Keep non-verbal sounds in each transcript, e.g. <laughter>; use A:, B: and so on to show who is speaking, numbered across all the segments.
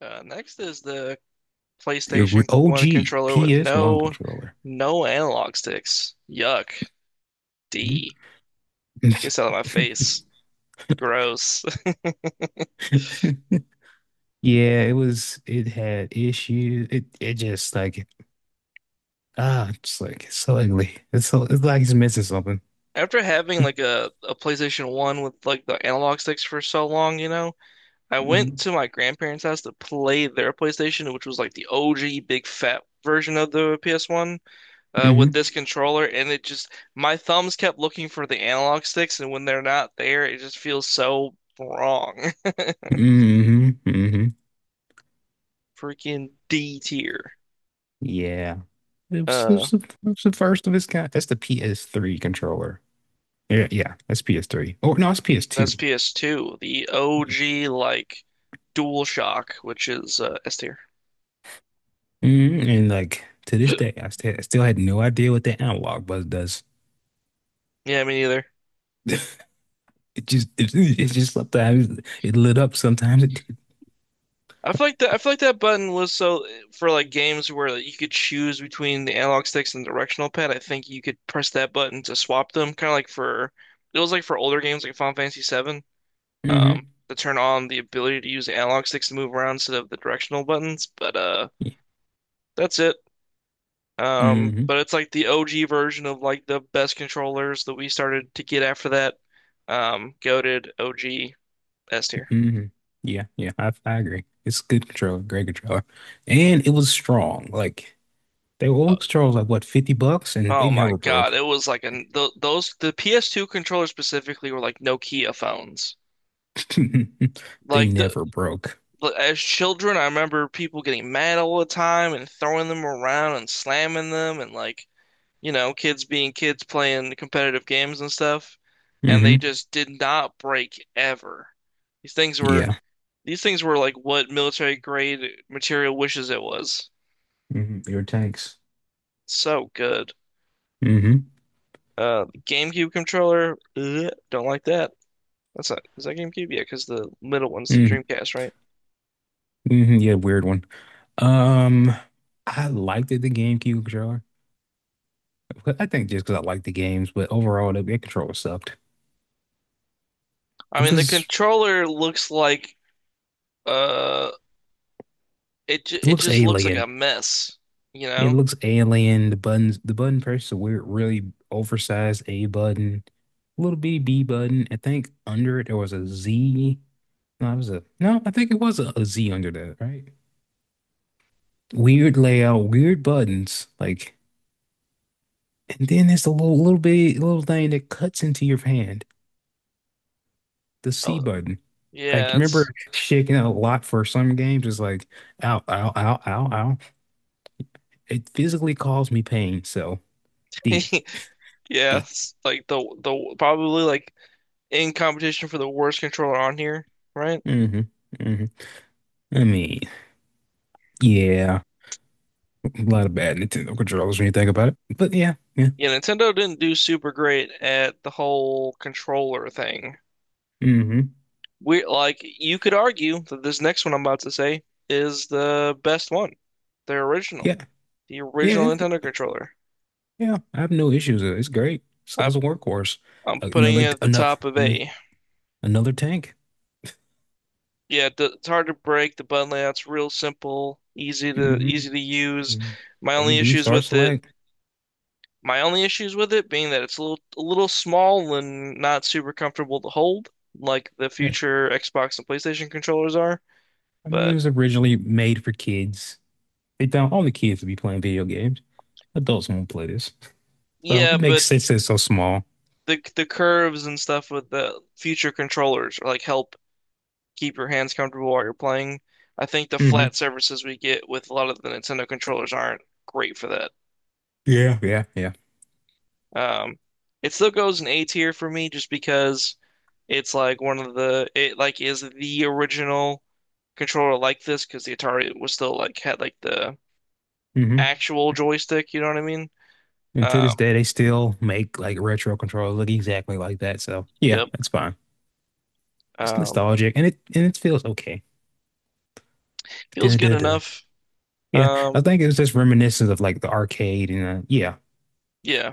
A: Next is the
B: The
A: PlayStation 1
B: OG
A: controller with
B: PS1
A: no
B: controller.
A: no analog sticks. Yuck.
B: Mm-hmm.
A: D. Gets out of my face. Gross.
B: <laughs> Yeah, it was. It had issues. It just like just like it's so ugly. It's like it's missing something.
A: <laughs> After having like a PlayStation 1 with like the analog sticks for so long, you know, I went
B: hmm
A: to my grandparents' house to play their PlayStation, which was like the OG big fat version of the PS1 with
B: hmm
A: this controller, and it just my thumbs kept looking for the analog sticks, and when they're not there, it just feels so wrong. <laughs>
B: mhm.
A: Freaking D tier.
B: Yeah,
A: Uh,
B: it was the first of its kind. That's the PS3 controller. Yeah, yeah, that's PS3. Or no, it's
A: that's
B: PS2.
A: PS2, the OG like DualShock, which is S tier. <gasps>
B: Mhm. And like to this day,
A: <laughs>
B: I still had no idea what that analog button does.
A: Yeah, me neither.
B: <laughs> It just <laughs> just sometimes it lit up, sometimes it did.
A: I feel like that button was so for like games where like, you could choose between the analog sticks and the directional pad. I think you could press that button to swap them, kind of like for. It was like for older games like Final Fantasy Seven, um,
B: Mm-hmm.
A: to turn on the ability to use the analog sticks to move around instead of the directional buttons. But
B: Yeah.
A: that's it.
B: Mm-hmm.
A: But it's like the OG version of like the best controllers that we started to get after that. Goated OG S tier.
B: Mm-hmm. Yeah, yeah, I agree. It's good controller, great controller. And it was strong. Like they were old controllers like what, 50 bucks? And they
A: Oh my
B: never
A: God,
B: broke.
A: it was like an th those the PS2 controllers specifically were like Nokia phones.
B: <laughs> They
A: Like
B: never broke.
A: as children, I remember people getting mad all the time and throwing them around and slamming them and like you know kids being kids playing competitive games and stuff, and they
B: Hmm.
A: just did not break ever. These things were
B: Yeah.
A: These things were like what military grade material wishes it was.
B: Hmm. Your tanks.
A: So good.
B: hmm
A: The GameCube controller, ugh, don't like that. That's not, is that GameCube? Yeah, because the middle one's the
B: hmm
A: Dreamcast, right?
B: hmm. Yeah, weird one. Um, I liked it, the GameCube controller. But I think just because I liked the games, but overall the controller sucked.
A: I
B: It
A: mean, the
B: was
A: controller looks like uh,
B: It
A: it
B: looks
A: just looks like a
B: alien.
A: mess, you
B: It
A: know?
B: looks alien. The buttons, the button press a weird, really oversized A button, little bitty B button. I think under it there was a Z. No, it was a no. I think it was a Z under that, right? Weird layout, weird buttons, like, and then there's a little thing that cuts into your hand, the C
A: Oh,
B: button. Like,
A: yeah,
B: remember
A: it's
B: shaking out a lot for some games? It's like, ow, ow, ow, ow, ow. It physically caused me pain. So
A: <laughs>
B: D,
A: yeah,
B: D.
A: it's like the probably like in competition for the worst controller on here, right?
B: Mm-hmm. Mm-hmm. I mean, yeah, a lot of bad Nintendo controllers when you think about it. But yeah, yeah,
A: Yeah, Nintendo didn't do super great at the whole controller thing.
B: mm hmm,
A: We like you could argue that this next one I'm about to say is the best one. The original.
B: yeah,
A: The
B: yeah,
A: original
B: it's,
A: Nintendo controller.
B: yeah. I have no issues with it. It's great. So
A: I
B: it's a workhorse.
A: I'm putting
B: Another,
A: it at the
B: another,
A: top of A.
B: Another tank.
A: Yeah, it's hard to break. The button layout's real simple,
B: Mm-hmm.
A: easy to use. My
B: A
A: only
B: B
A: issues
B: star
A: with it,
B: select.
A: my only issues with it being that it's a little small and not super comfortable to hold, like the
B: Yeah.
A: future Xbox and PlayStation controllers are.
B: I mean, it
A: But
B: was originally made for kids. They found all the kids to be playing video games. Adults won't play this, so
A: yeah,
B: it
A: but
B: makes sense that it's so small.
A: the curves and stuff with the future controllers are like help keep your hands comfortable while you're playing. I think the
B: Mm hmm.
A: flat surfaces we get with a lot of the Nintendo controllers aren't great for that.
B: Yeah, yeah, yeah.
A: Um, it still goes in A tier for me just because it's like one of the it like is the original controller like this because the Atari was still like had like the
B: Mm hmm.
A: actual joystick, you know what I mean?
B: And to
A: Um,
B: this day, they still make like retro controllers look exactly like that. So yeah,
A: yep.
B: it's fine. It's
A: Um,
B: nostalgic and it feels okay.
A: Feels
B: Duh,
A: good
B: duh, duh.
A: enough.
B: Yeah,
A: Um,
B: I think it was just reminiscent of like the arcade and yeah,
A: yeah.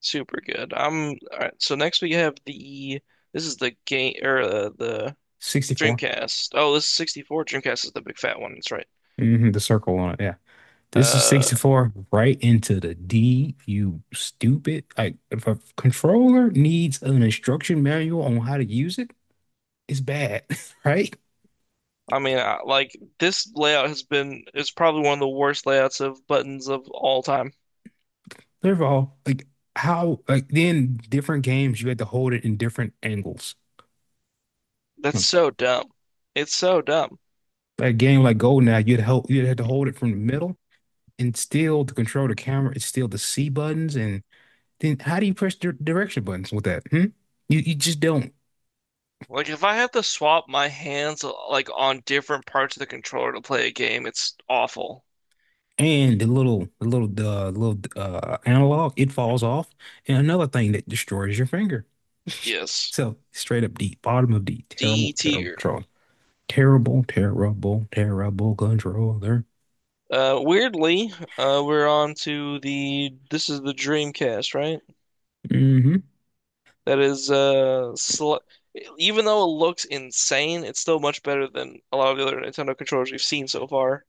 A: Super good. I'm all right. So next we have the this is the game or the
B: 64.
A: Dreamcast. Oh, this is 64. Dreamcast is the big fat one. That's right.
B: Hmm. The circle on it. Yeah, this is
A: Uh,
B: 64 right into the D. You stupid! Like if a controller needs an instruction manual on how to use it, it's bad, <laughs> right?
A: I mean, like this layout has been is probably one of the worst layouts of buttons of all time.
B: First of all, like how like then different games you had to hold it in different angles.
A: That's
B: Hmm.
A: so dumb. It's so dumb.
B: A game like GoldenEye, you'd have to hold it from the middle and still to control the camera, it's still the C buttons. And then how do you press the direction buttons with that? Hmm? You just don't.
A: Like if I have to swap my hands like on different parts of the controller to play a game, it's awful.
B: And the little analog, it falls off. And another thing that destroys your finger.
A: Yes.
B: So straight up D, bottom of D,
A: D
B: terrible, terrible
A: tier.
B: control. Terrible, terrible, terrible controller.
A: Weirdly, we're on to the this is the Dreamcast, right?
B: Mm-hmm.
A: That is sl even though it looks insane, it's still much better than a lot of the other Nintendo controllers we've seen so far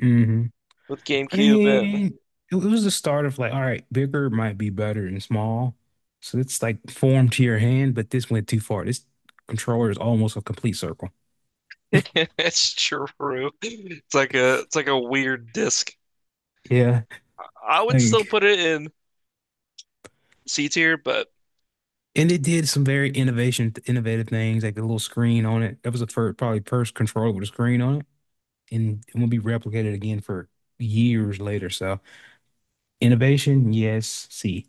B: Mm-hmm.
A: with
B: I
A: GameCube and
B: mean, it was the start of like, all right, bigger might be better than small. So it's like formed to your hand, but this went too far. This controller is almost a complete circle.
A: <laughs> it's true. It's like a weird disc.
B: Yeah.
A: I would still
B: Like,
A: put it in C tier, but
B: and it did some innovative things, like the little screen on it. That was probably first controller with a screen on it, and it won't be replicated again for years later. So innovation, yes. See,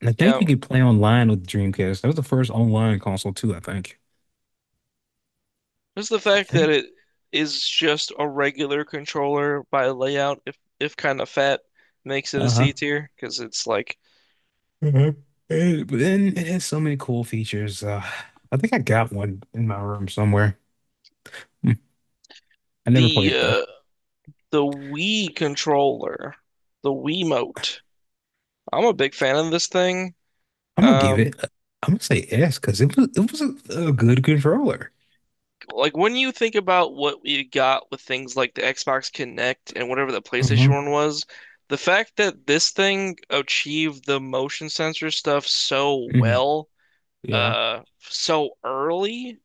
B: and I
A: yeah,
B: think you could play online with the Dreamcast. That was the first online console too, I think.
A: just the
B: I
A: fact that
B: think.
A: it is just a regular controller by layout, if kind of fat, makes it a
B: Uh-huh.
A: C tier because it's like
B: Mhm. It, but then it has so many cool features. I think I got one in my room somewhere. Hmm. I never
A: The
B: played it though.
A: uh, the Wii controller, the Wiimote. I'm a big fan of this thing.
B: I'm gonna give
A: Um,
B: it. I'm gonna say S because it was a good controller.
A: like when you think about what we got with things like the Xbox Connect and whatever the PlayStation
B: Uh-huh.
A: one was, the fact that this thing achieved the motion sensor stuff so
B: Hmm.
A: well,
B: Yeah.
A: so early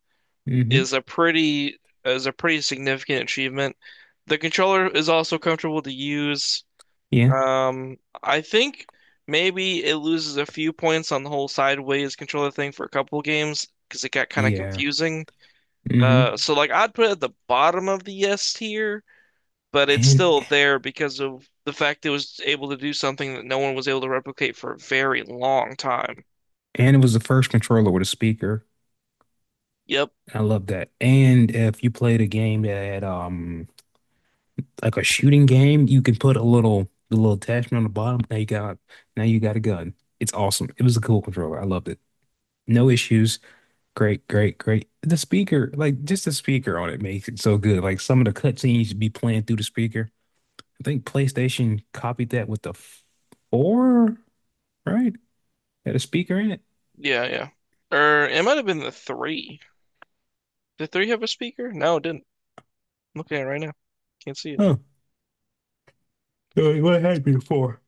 B: Hmm.
A: is a pretty significant achievement. The controller is also comfortable to use.
B: Yeah.
A: Um, I think maybe it loses a few points on the whole sideways controller thing for a couple games because it got kind of
B: Yeah.
A: confusing.
B: Hmm.
A: So like I'd put it at the bottom of the S tier, but it's
B: And
A: still there because of the fact it was able to do something that no one was able to replicate for a very long time.
B: and it was the first controller with a speaker.
A: Yep.
B: I love that. And if you played a game that had like a shooting game, you can put a little the little attachment on the bottom. Now you got a gun. It's awesome. It was a cool controller. I loved it. No issues. Great, great, great. The speaker, like just the speaker on it makes it so good. Like some of the cutscenes should be playing through the speaker. I think PlayStation copied that with the four, right? Had a speaker in it.
A: Yeah, yeah. Or it might have been the three. Did three have a speaker? No, it didn't. I'm looking at it right now. Can't see it.
B: Oh, what had before?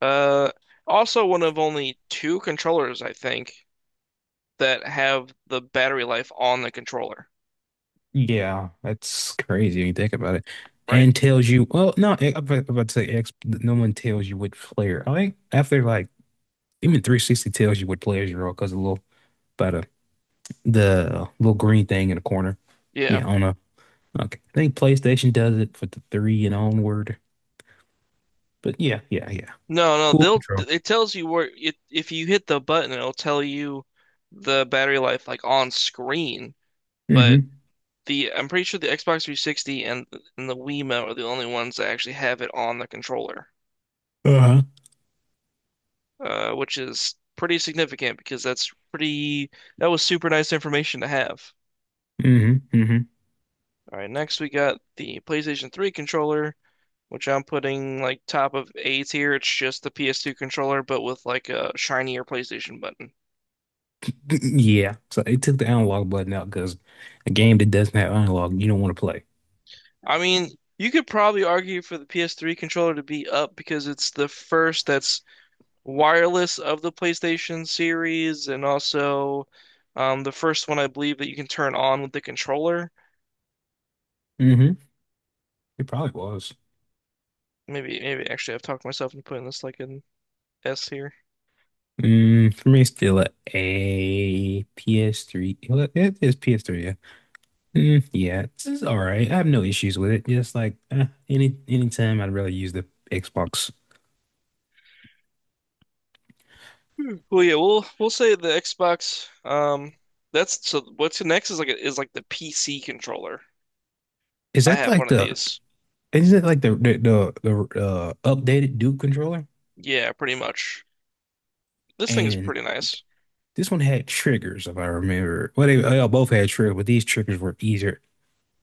A: Uh, Also one of only two controllers, I think that have the battery life on the controller,
B: Yeah, that's crazy when you think about it.
A: right?
B: And tells you, well, no, I'm about to say X, no one tells you what player. I think after like even 360 tells you what players you're on because a little, about a, the little green thing in the corner.
A: Yeah.
B: Yeah, on a Okay. I think PlayStation does it for the three and onward. But yeah, yeah, yeah.
A: No, no,
B: Cool
A: they'll
B: control.
A: it tells you where it if you hit the button, it'll tell you the battery life like on screen, but
B: Mm-hmm.
A: the I'm pretty sure the Xbox 360 and the Wiimote are the only ones that actually have it on the controller,
B: Uh-huh.
A: which is pretty significant because that was super nice information to have.
B: Mm-hmm. Hmm.
A: All right, next we got the PlayStation 3 controller, which I'm putting like top of A tier. It's just the PS2 controller, but with like a shinier PlayStation button.
B: Yeah. So they took the analog button out because a game that doesn't have analog, you don't want to play.
A: I mean, you could probably argue for the PS3 controller to be up because it's the first that's wireless of the PlayStation series, and also the first one I believe that you can turn on with the controller.
B: Mm-hmm. It probably was.
A: Maybe, maybe actually, I've talked myself into putting this like an S here.
B: Mm, for me, it's still a, PS3. Well, it is PS3, yeah. Mm, yeah, it's all right. I have no issues with it. Just like eh, anytime, I'd rather use the Xbox.
A: Hmm. Well, yeah, we'll say the Xbox. That's so. What's next is like is like the PC controller.
B: Is
A: I
B: that
A: have
B: like
A: one of
B: the
A: these.
B: Isn't it like the updated Duke controller?
A: Yeah, pretty much. This thing is
B: And
A: pretty nice.
B: this one had triggers, if I remember. Well, they all both had triggers, but these triggers were easier.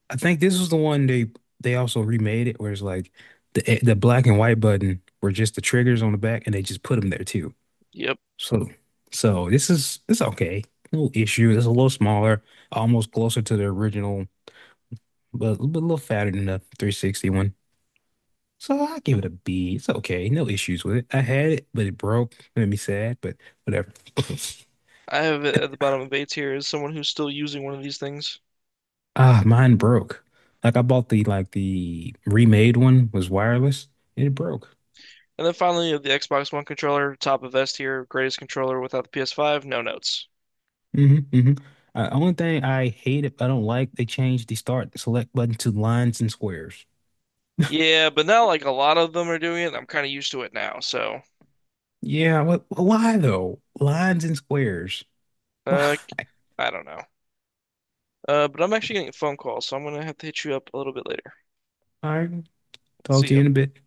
B: I think this was the one they also remade it, where it's like the black and white button were just the triggers on the back, and they just put them there too.
A: Yep.
B: So so this is it's okay, no issue. It's a little smaller, almost closer to the original, but a little fatter than the 360 one. So I give it a B. It's okay. No issues with it. I had it, but it broke. It made me sad, but whatever.
A: I have it at the bottom of A tier is someone who's still using one of these things.
B: Ah, mine broke. Like I bought the like the remade one was wireless and it broke.
A: And then finally, the Xbox One controller, top of S tier, greatest controller without the PS5, no notes.
B: hmm hmm only thing I hate it, I don't like they changed the start select button to lines and squares.
A: Yeah, but now like a lot of them are doing it. And I'm kind of used to it now, so
B: Yeah, what why though? Lines and squares. Why?
A: uh, I don't know. But I'm actually getting a phone call, so I'm gonna have to hit you up a little bit later.
B: <laughs> All right. Talk
A: See
B: to you
A: ya.
B: in a bit.